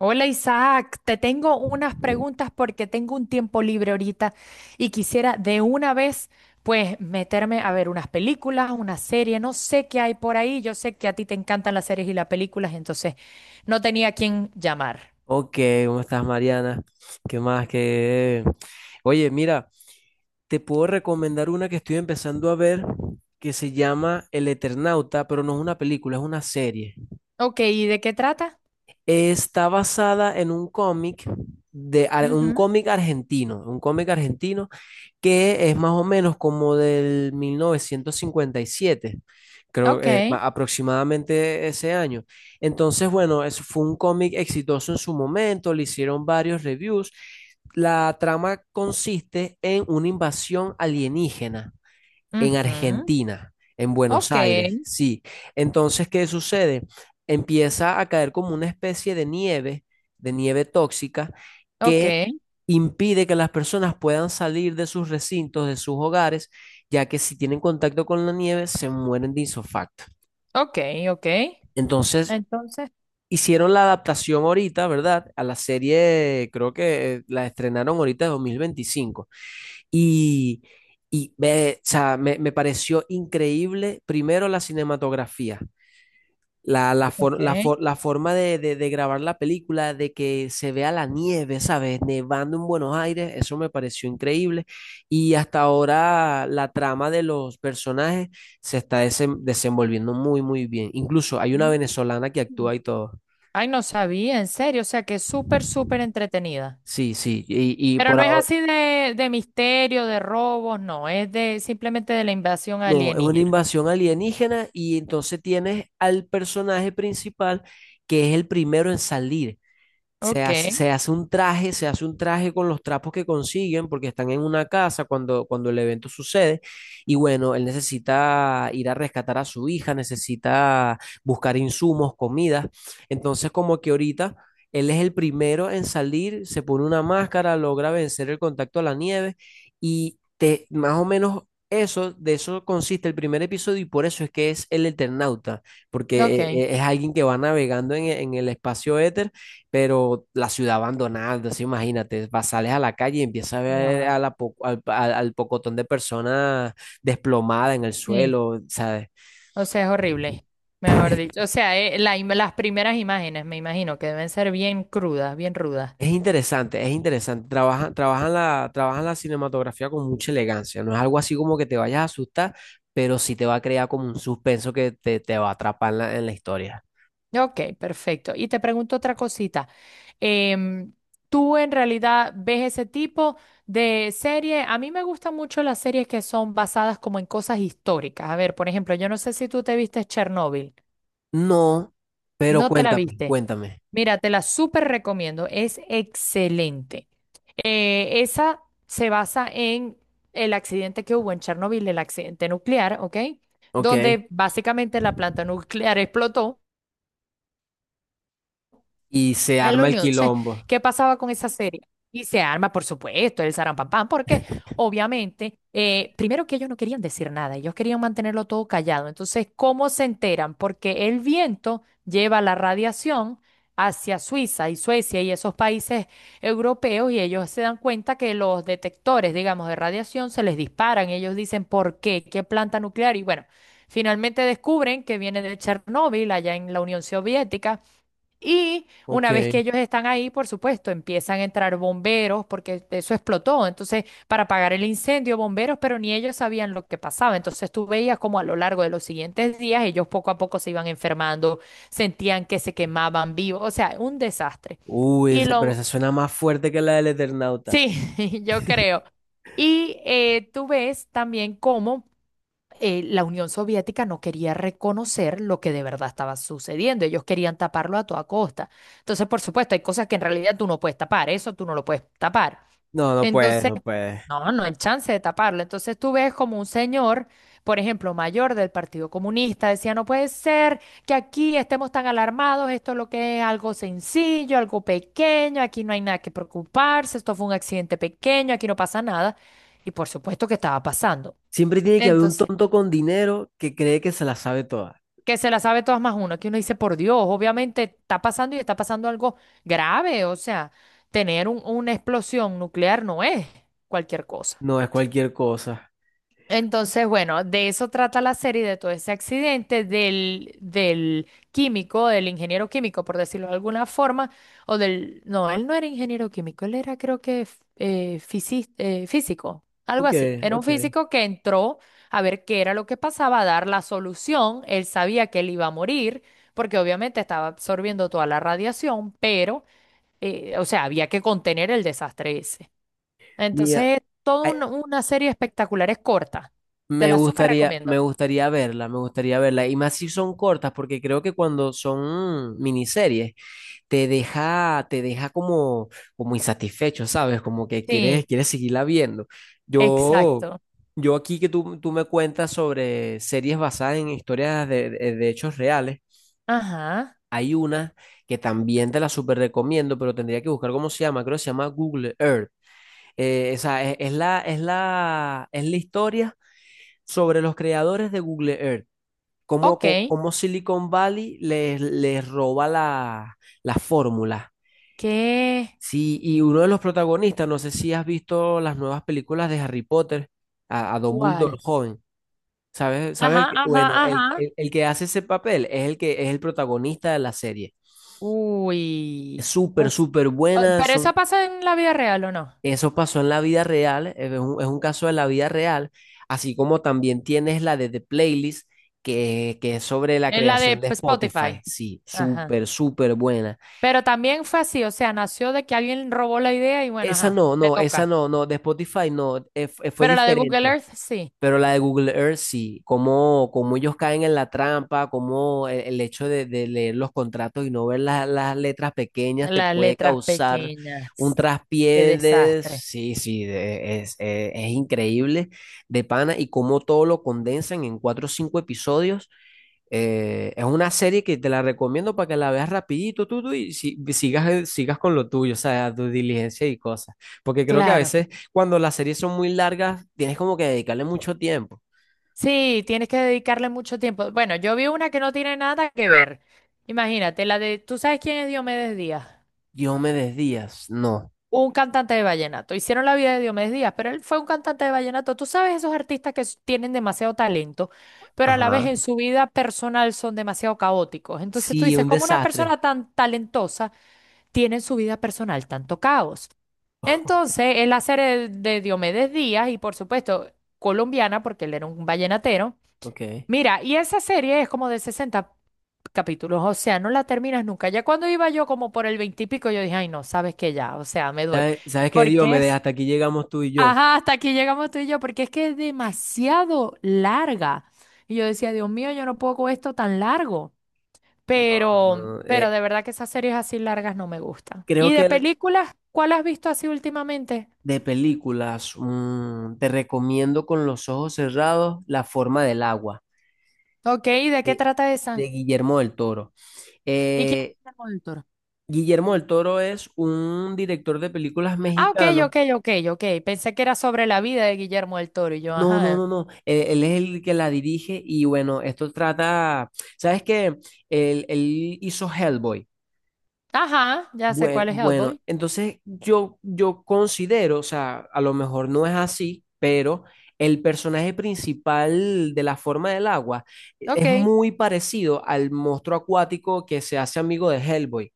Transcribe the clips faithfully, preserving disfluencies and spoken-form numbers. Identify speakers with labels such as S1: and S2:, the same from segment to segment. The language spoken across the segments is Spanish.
S1: Hola Isaac, te tengo unas preguntas porque tengo un tiempo libre ahorita y quisiera de una vez pues meterme a ver unas películas, una serie, no sé qué hay por ahí, yo sé que a ti te encantan las series y las películas, entonces no tenía a quién llamar.
S2: Ok, ¿cómo estás, Mariana? ¿Qué más? Que Oye, mira, te puedo recomendar una que estoy empezando a ver que se llama El Eternauta, pero no es una película, es una serie.
S1: Ok, ¿y de qué trata?
S2: Está basada en un cómic de ar- un
S1: Ujú.
S2: cómic argentino, un cómic argentino Que es más o menos como del mil novecientos cincuenta y siete, creo
S1: Ok,
S2: eh, ma- aproximadamente ese año. Entonces, bueno, eso fue un cómic exitoso en su momento, le hicieron varios reviews. La trama consiste en una invasión alienígena en
S1: ujú,
S2: Argentina, en Buenos
S1: ok,
S2: Aires, sí. Entonces, ¿qué sucede? Empieza a caer como una especie de nieve, de nieve tóxica,
S1: ok,
S2: que impide que las personas puedan salir de sus recintos, de sus hogares, ya que si tienen contacto con la nieve, se mueren de isofacto.
S1: ok, ok.
S2: Entonces,
S1: Entonces,
S2: hicieron la adaptación ahorita, ¿verdad? A la serie, creo que eh, la estrenaron ahorita de dos mil veinticinco. Y, y ve, o sea, me, me pareció increíble, primero la cinematografía, la, la, for- la
S1: ok.
S2: for- la forma de, de- de grabar la película, de que se vea la nieve, ¿sabes? Nevando en Buenos Aires, eso me pareció increíble. Y hasta ahora la trama de los personajes se está desem- desenvolviendo muy, muy bien. Incluso hay una
S1: Mm.
S2: venezolana que actúa y todo.
S1: Ay, no sabía, en serio, o sea que es súper, súper entretenida.
S2: Sí, sí, y, y
S1: Pero
S2: por
S1: no es
S2: ahora...
S1: así de, de misterio, de robos, no, es de simplemente de la invasión
S2: No, es una
S1: alienígena.
S2: invasión alienígena y entonces tienes al personaje principal que es el primero en salir. Se
S1: Ok,
S2: hace, se hace un traje, se hace un traje con los trapos que consiguen porque están en una casa cuando, cuando el evento sucede. Y bueno, él necesita ir a rescatar a su hija, necesita buscar insumos, comida. Entonces, como que ahorita él es el primero en salir, se pone una máscara, logra vencer el contacto a la nieve y te, más o menos eso, de eso consiste el primer episodio y por eso es que es el Eternauta, porque eh,
S1: ok.
S2: eh, es alguien que va navegando en, en el espacio éter. Pero la ciudad abandonada, sí, imagínate, vas, sales a la calle y empiezas a ver a
S1: Wow.
S2: la po- al, al- al pocotón de personas desplomadas en el
S1: Sí.
S2: suelo, ¿sabes?
S1: O sea, es horrible, mejor dicho. O sea, eh, la im- las primeras imágenes, me imagino, que deben ser bien crudas, bien rudas.
S2: Es interesante, es interesante. Trabajan, trabajan la, trabajan la cinematografía con mucha elegancia. No es algo así como que te vayas a asustar, pero sí te va a crear como un suspenso que te, te va a atrapar en la, en la historia.
S1: Ok, perfecto. Y te pregunto otra cosita. Em, ¿tú en realidad ves ese tipo de serie? A mí me gustan mucho las series que son basadas como en cosas históricas. A ver, por ejemplo, yo no sé si tú te viste Chernobyl.
S2: No, pero
S1: No te la
S2: cuéntame,
S1: viste.
S2: cuéntame.
S1: Mira, te la súper recomiendo, es excelente. Eh, esa se basa en el accidente que hubo en Chernobyl, el accidente nuclear, ¿ok?
S2: Ok.
S1: Donde básicamente la planta nuclear explotó
S2: Y se
S1: en la
S2: arma el
S1: Unión. Entonces,
S2: quilombo.
S1: ¿qué pasaba con esa serie? Y se arma, por supuesto, el zarampampam, porque obviamente, eh, primero que ellos no querían decir nada, ellos querían mantenerlo todo callado. Entonces, ¿cómo se enteran? Porque el viento lleva la radiación hacia Suiza y Suecia y esos países europeos y ellos se dan cuenta que los detectores, digamos, de radiación se les disparan. Ellos dicen, ¿por qué? ¿Qué planta nuclear? Y bueno, finalmente descubren que viene de Chernóbil, allá en la Unión Soviética. Y
S2: Ok.
S1: una vez que ellos están ahí, por supuesto, empiezan a entrar bomberos porque eso explotó. Entonces, para apagar el incendio, bomberos, pero ni ellos sabían lo que pasaba. Entonces, tú veías como a lo largo de los siguientes días, ellos poco a poco se iban enfermando, sentían que se quemaban vivos. O sea, un desastre.
S2: Uy,
S1: Y
S2: ese- pero
S1: lo,
S2: esa suena más fuerte que la del Eternauta.
S1: sí, yo creo. Y eh, tú ves también cómo eh, la Unión Soviética no quería reconocer lo que de verdad estaba sucediendo. Ellos querían taparlo a toda costa. Entonces, por supuesto, hay cosas que en realidad tú no puedes tapar. Eso tú no lo puedes tapar.
S2: No, no puedes,
S1: Entonces,
S2: no puedes.
S1: no, no hay chance de taparlo. Entonces tú ves como un señor, por ejemplo, mayor del Partido Comunista, decía, no puede ser que aquí estemos tan alarmados. Esto es lo que es algo sencillo, algo pequeño. Aquí no hay nada que preocuparse. Esto fue un accidente pequeño. Aquí no pasa nada. Y por supuesto que estaba pasando.
S2: Siempre tiene que haber un
S1: Entonces...
S2: tonto con dinero que cree que se la sabe toda.
S1: que se la sabe todas más uno, que uno dice, por Dios, obviamente está pasando y está pasando algo grave, o sea, tener un- una explosión nuclear no es cualquier cosa.
S2: No es cualquier cosa.
S1: Entonces, bueno, de eso trata la serie, de todo ese accidente del, del químico, del ingeniero químico, por decirlo de alguna forma, o del... No, él no era ingeniero químico, él era creo que f- eh, fisi- eh, físico, algo
S2: Ok,
S1: así. Era un
S2: ok.
S1: físico que entró a ver qué era lo que pasaba, a dar la solución. Él sabía que él iba a morir, porque obviamente estaba absorbiendo toda la radiación, pero, eh, o sea, había que contener el desastre ese.
S2: Mira,
S1: Entonces, toda
S2: ay,
S1: un- una serie espectacular, es corta. Te
S2: me
S1: la súper
S2: gustaría, me
S1: recomiendo.
S2: gustaría verla, me gustaría verla. Y más si son cortas, porque creo que cuando son miniseries, te deja, te deja como, como insatisfecho, ¿sabes? Como que
S1: Sí,
S2: quieres, quieres seguirla viendo. Yo,
S1: exacto.
S2: yo aquí que tú, tú me cuentas sobre series basadas en historias de de- de hechos reales.
S1: Ajá.
S2: Hay una que también te la súper recomiendo, pero tendría que buscar cómo se llama. Creo que se llama Google Earth. Eh, esa es, es la, es la, es la historia sobre los creadores de Google Earth. Cómo,
S1: Ok.
S2: co- cómo Silicon Valley les, les roba la, la fórmula.
S1: ¿Qué?
S2: Sí, y uno de los protagonistas, no sé si has visto las nuevas películas de Harry Potter, a, a Dumbledore
S1: ¿Cuál?
S2: joven. ¿Sabes? ¿Sabes? el
S1: Ajá,
S2: que-
S1: ajá,
S2: Bueno, el,
S1: ajá.
S2: el- el que hace ese papel es el que es el protagonista de la serie. Es
S1: Uy.
S2: súper,
S1: Ups.
S2: súper
S1: Ah,
S2: buena.
S1: pero eso
S2: Son
S1: pasa en la vida real, ¿o no?
S2: eso pasó en la vida real, eh, es un, es un caso de la vida real, así como también tienes la de The Playlist, que, que es sobre la
S1: En la
S2: creación
S1: de
S2: de Spotify.
S1: Spotify.
S2: Sí,
S1: Ajá.
S2: súper, súper buena.
S1: Pero también fue así, o sea, nació de que alguien robó la idea y bueno,
S2: Esa
S1: ajá,
S2: no,
S1: te
S2: no, esa
S1: toca.
S2: no, no, de Spotify no, eh, fue fue
S1: Pero la de Google
S2: diferente.
S1: Earth, sí.
S2: Pero la de Google Earth sí, cómo, cómo ellos caen en la trampa, cómo el, el hecho de, de leer los contratos y no ver la- las letras pequeñas te
S1: Las
S2: puede
S1: letras
S2: causar un
S1: pequeñas. Qué
S2: traspié de...
S1: desastre.
S2: Sí, sí, de- es, eh, es increíble de pana y cómo todo lo condensan en cuatro o cinco episodios. Eh, es una serie que te la recomiendo para que la veas rapidito tú, tú, y si- sigas, eh, sigas con lo tuyo, o sea, tu diligencia y cosas. Porque creo que a
S1: Claro.
S2: veces cuando las series son muy largas, tienes como que dedicarle mucho tiempo.
S1: Sí, tienes que dedicarle mucho tiempo. Bueno, yo vi una que no tiene nada que ver. Imagínate, la de, ¿tú sabes quién es Diomedes Díaz?
S2: Diomedes Díaz, no.
S1: Un cantante de vallenato. Hicieron la vida de Diomedes Díaz, pero él fue un cantante de vallenato. Tú sabes esos artistas que s- tienen demasiado talento, pero a la vez
S2: Ajá.
S1: en su vida personal son demasiado caóticos. Entonces
S2: Sí,
S1: tú dices,
S2: un
S1: ¿cómo una
S2: desastre.
S1: persona tan talentosa tiene en su vida personal tanto caos? Entonces, él hacer el de Diomedes Díaz y por supuesto colombiana, porque él era un vallenatero.
S2: Ok.
S1: Mira, y esa serie es como de sesenta capítulos, o sea, no la terminas nunca. Ya cuando iba yo como por el veinte y pico, yo dije, ay, no, sabes que ya, o sea, me doy.
S2: ¿Sabes, sabes qué,
S1: Porque
S2: Diomedes?
S1: es,
S2: Hasta aquí llegamos tú y yo.
S1: ajá, hasta aquí llegamos tú y yo, porque es que es demasiado larga. Y yo decía, Dios mío, yo no puedo con esto tan largo.
S2: No,
S1: Pero,
S2: no,
S1: pero
S2: eh,
S1: de verdad que esas series así largas no me gustan.
S2: creo
S1: ¿Y
S2: que
S1: de
S2: el-
S1: películas, cuál has visto así últimamente?
S2: de películas, mm, te recomiendo con los ojos cerrados La forma del agua.
S1: Ok, ¿y de qué
S2: de,
S1: trata
S2: de
S1: esa?
S2: Guillermo del Toro.
S1: ¿Y quién es
S2: Eh,
S1: el
S2: Guillermo del Toro es un director de películas
S1: ah, ok,
S2: mexicano.
S1: ok, ok, ok. Pensé que era sobre la vida de Guillermo del Toro y yo,
S2: No, no,
S1: ajá.
S2: no, no. Él, él es el que la dirige y bueno, esto trata, ¿sabes qué? Él, él hizo Hellboy.
S1: Ajá, ya sé
S2: Bueno,
S1: cuál es
S2: bueno,
S1: Hellboy.
S2: entonces yo, yo considero, o sea, a lo mejor no es así, pero el personaje principal de la forma del agua e, es
S1: Ok.
S2: muy parecido al monstruo acuático que se hace amigo de Hellboy.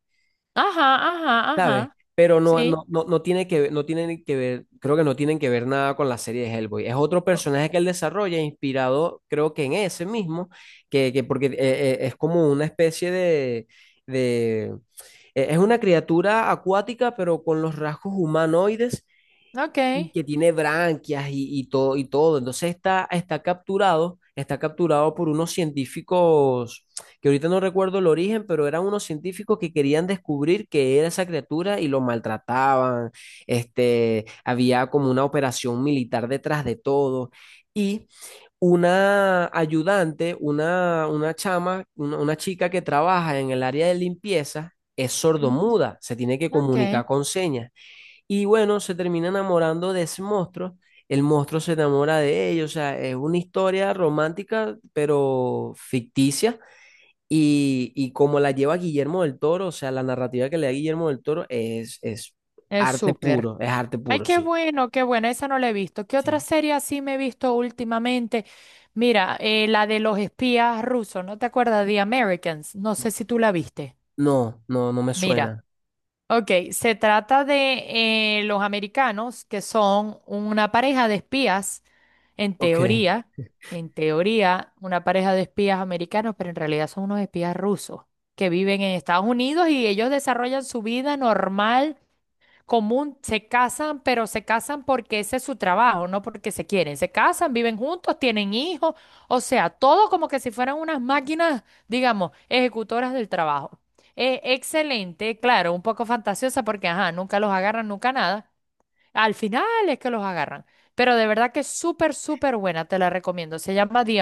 S1: Ajá, ajá,
S2: ¿Sabes?
S1: ajá.
S2: Pero no,
S1: Sí.
S2: no, no, no tiene que ver, no tienen que ver, creo que no tienen que ver nada con la serie de Hellboy. Es otro
S1: Ok.
S2: personaje que él desarrolla, inspirado, creo que en ese mismo, que, que porque eh, eh, es como una especie de, de- eh, es una criatura acuática, pero con los rasgos humanoides
S1: Ok.
S2: y que tiene branquias y, y todo, y todo. Entonces está, está capturado, está capturado por unos científicos, que ahorita no recuerdo el origen, pero eran unos científicos que querían descubrir qué era esa criatura y lo maltrataban. Este, había como una operación militar detrás de todo. Y una ayudante, una, una chama, una, una chica que trabaja en el área de limpieza, es
S1: Ujú.
S2: sordomuda, se tiene que
S1: Ok.
S2: comunicar con señas. Y bueno, se termina enamorando de ese monstruo. El monstruo se enamora de ellos. O sea, es una historia romántica, pero ficticia. Y, y como la lleva Guillermo del Toro, o sea, la narrativa que le da Guillermo del Toro es, es
S1: Es
S2: arte
S1: súper.
S2: puro. Es arte
S1: Ay,
S2: puro,
S1: qué
S2: sí.
S1: bueno, qué buena. Esa no la he visto. ¿Qué otra
S2: Sí.
S1: serie así me he visto últimamente? Mira, eh, la de los espías rusos. ¿No te acuerdas? The Americans. No sé si tú la viste.
S2: No, no, no me
S1: Mira.
S2: suena.
S1: Ok, se trata de eh, los americanos que son una pareja de espías, en
S2: Ok.
S1: teoría, en teoría, una pareja de espías americanos, pero en realidad son unos espías rusos que viven en Estados Unidos y ellos desarrollan su vida normal común, se casan, pero se casan porque ese es su trabajo, no porque se quieren. Se casan, viven juntos, tienen hijos, o sea, todo como que si fueran unas máquinas, digamos, ejecutoras del trabajo. Eh, excelente, claro, un poco fantasiosa porque, ajá, nunca los agarran, nunca nada. Al final es que los agarran. Pero de verdad que es súper, súper buena, te la recomiendo. Se llama The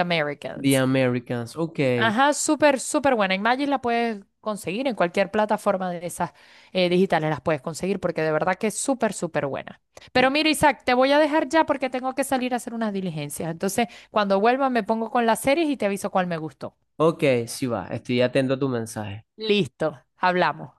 S2: The
S1: Americans.
S2: Americans. Ok.
S1: Ajá, súper, súper buena. Imagine la puedes conseguir en cualquier plataforma de esas eh, digitales, las puedes conseguir porque de verdad que es súper, súper buena. Pero mira, Isaac, te voy a dejar ya porque tengo que salir a hacer unas diligencias. Entonces, cuando vuelva me pongo con las series y te aviso cuál me gustó.
S2: Ok, sí va. Estoy atento a tu mensaje.
S1: Listo, hablamos.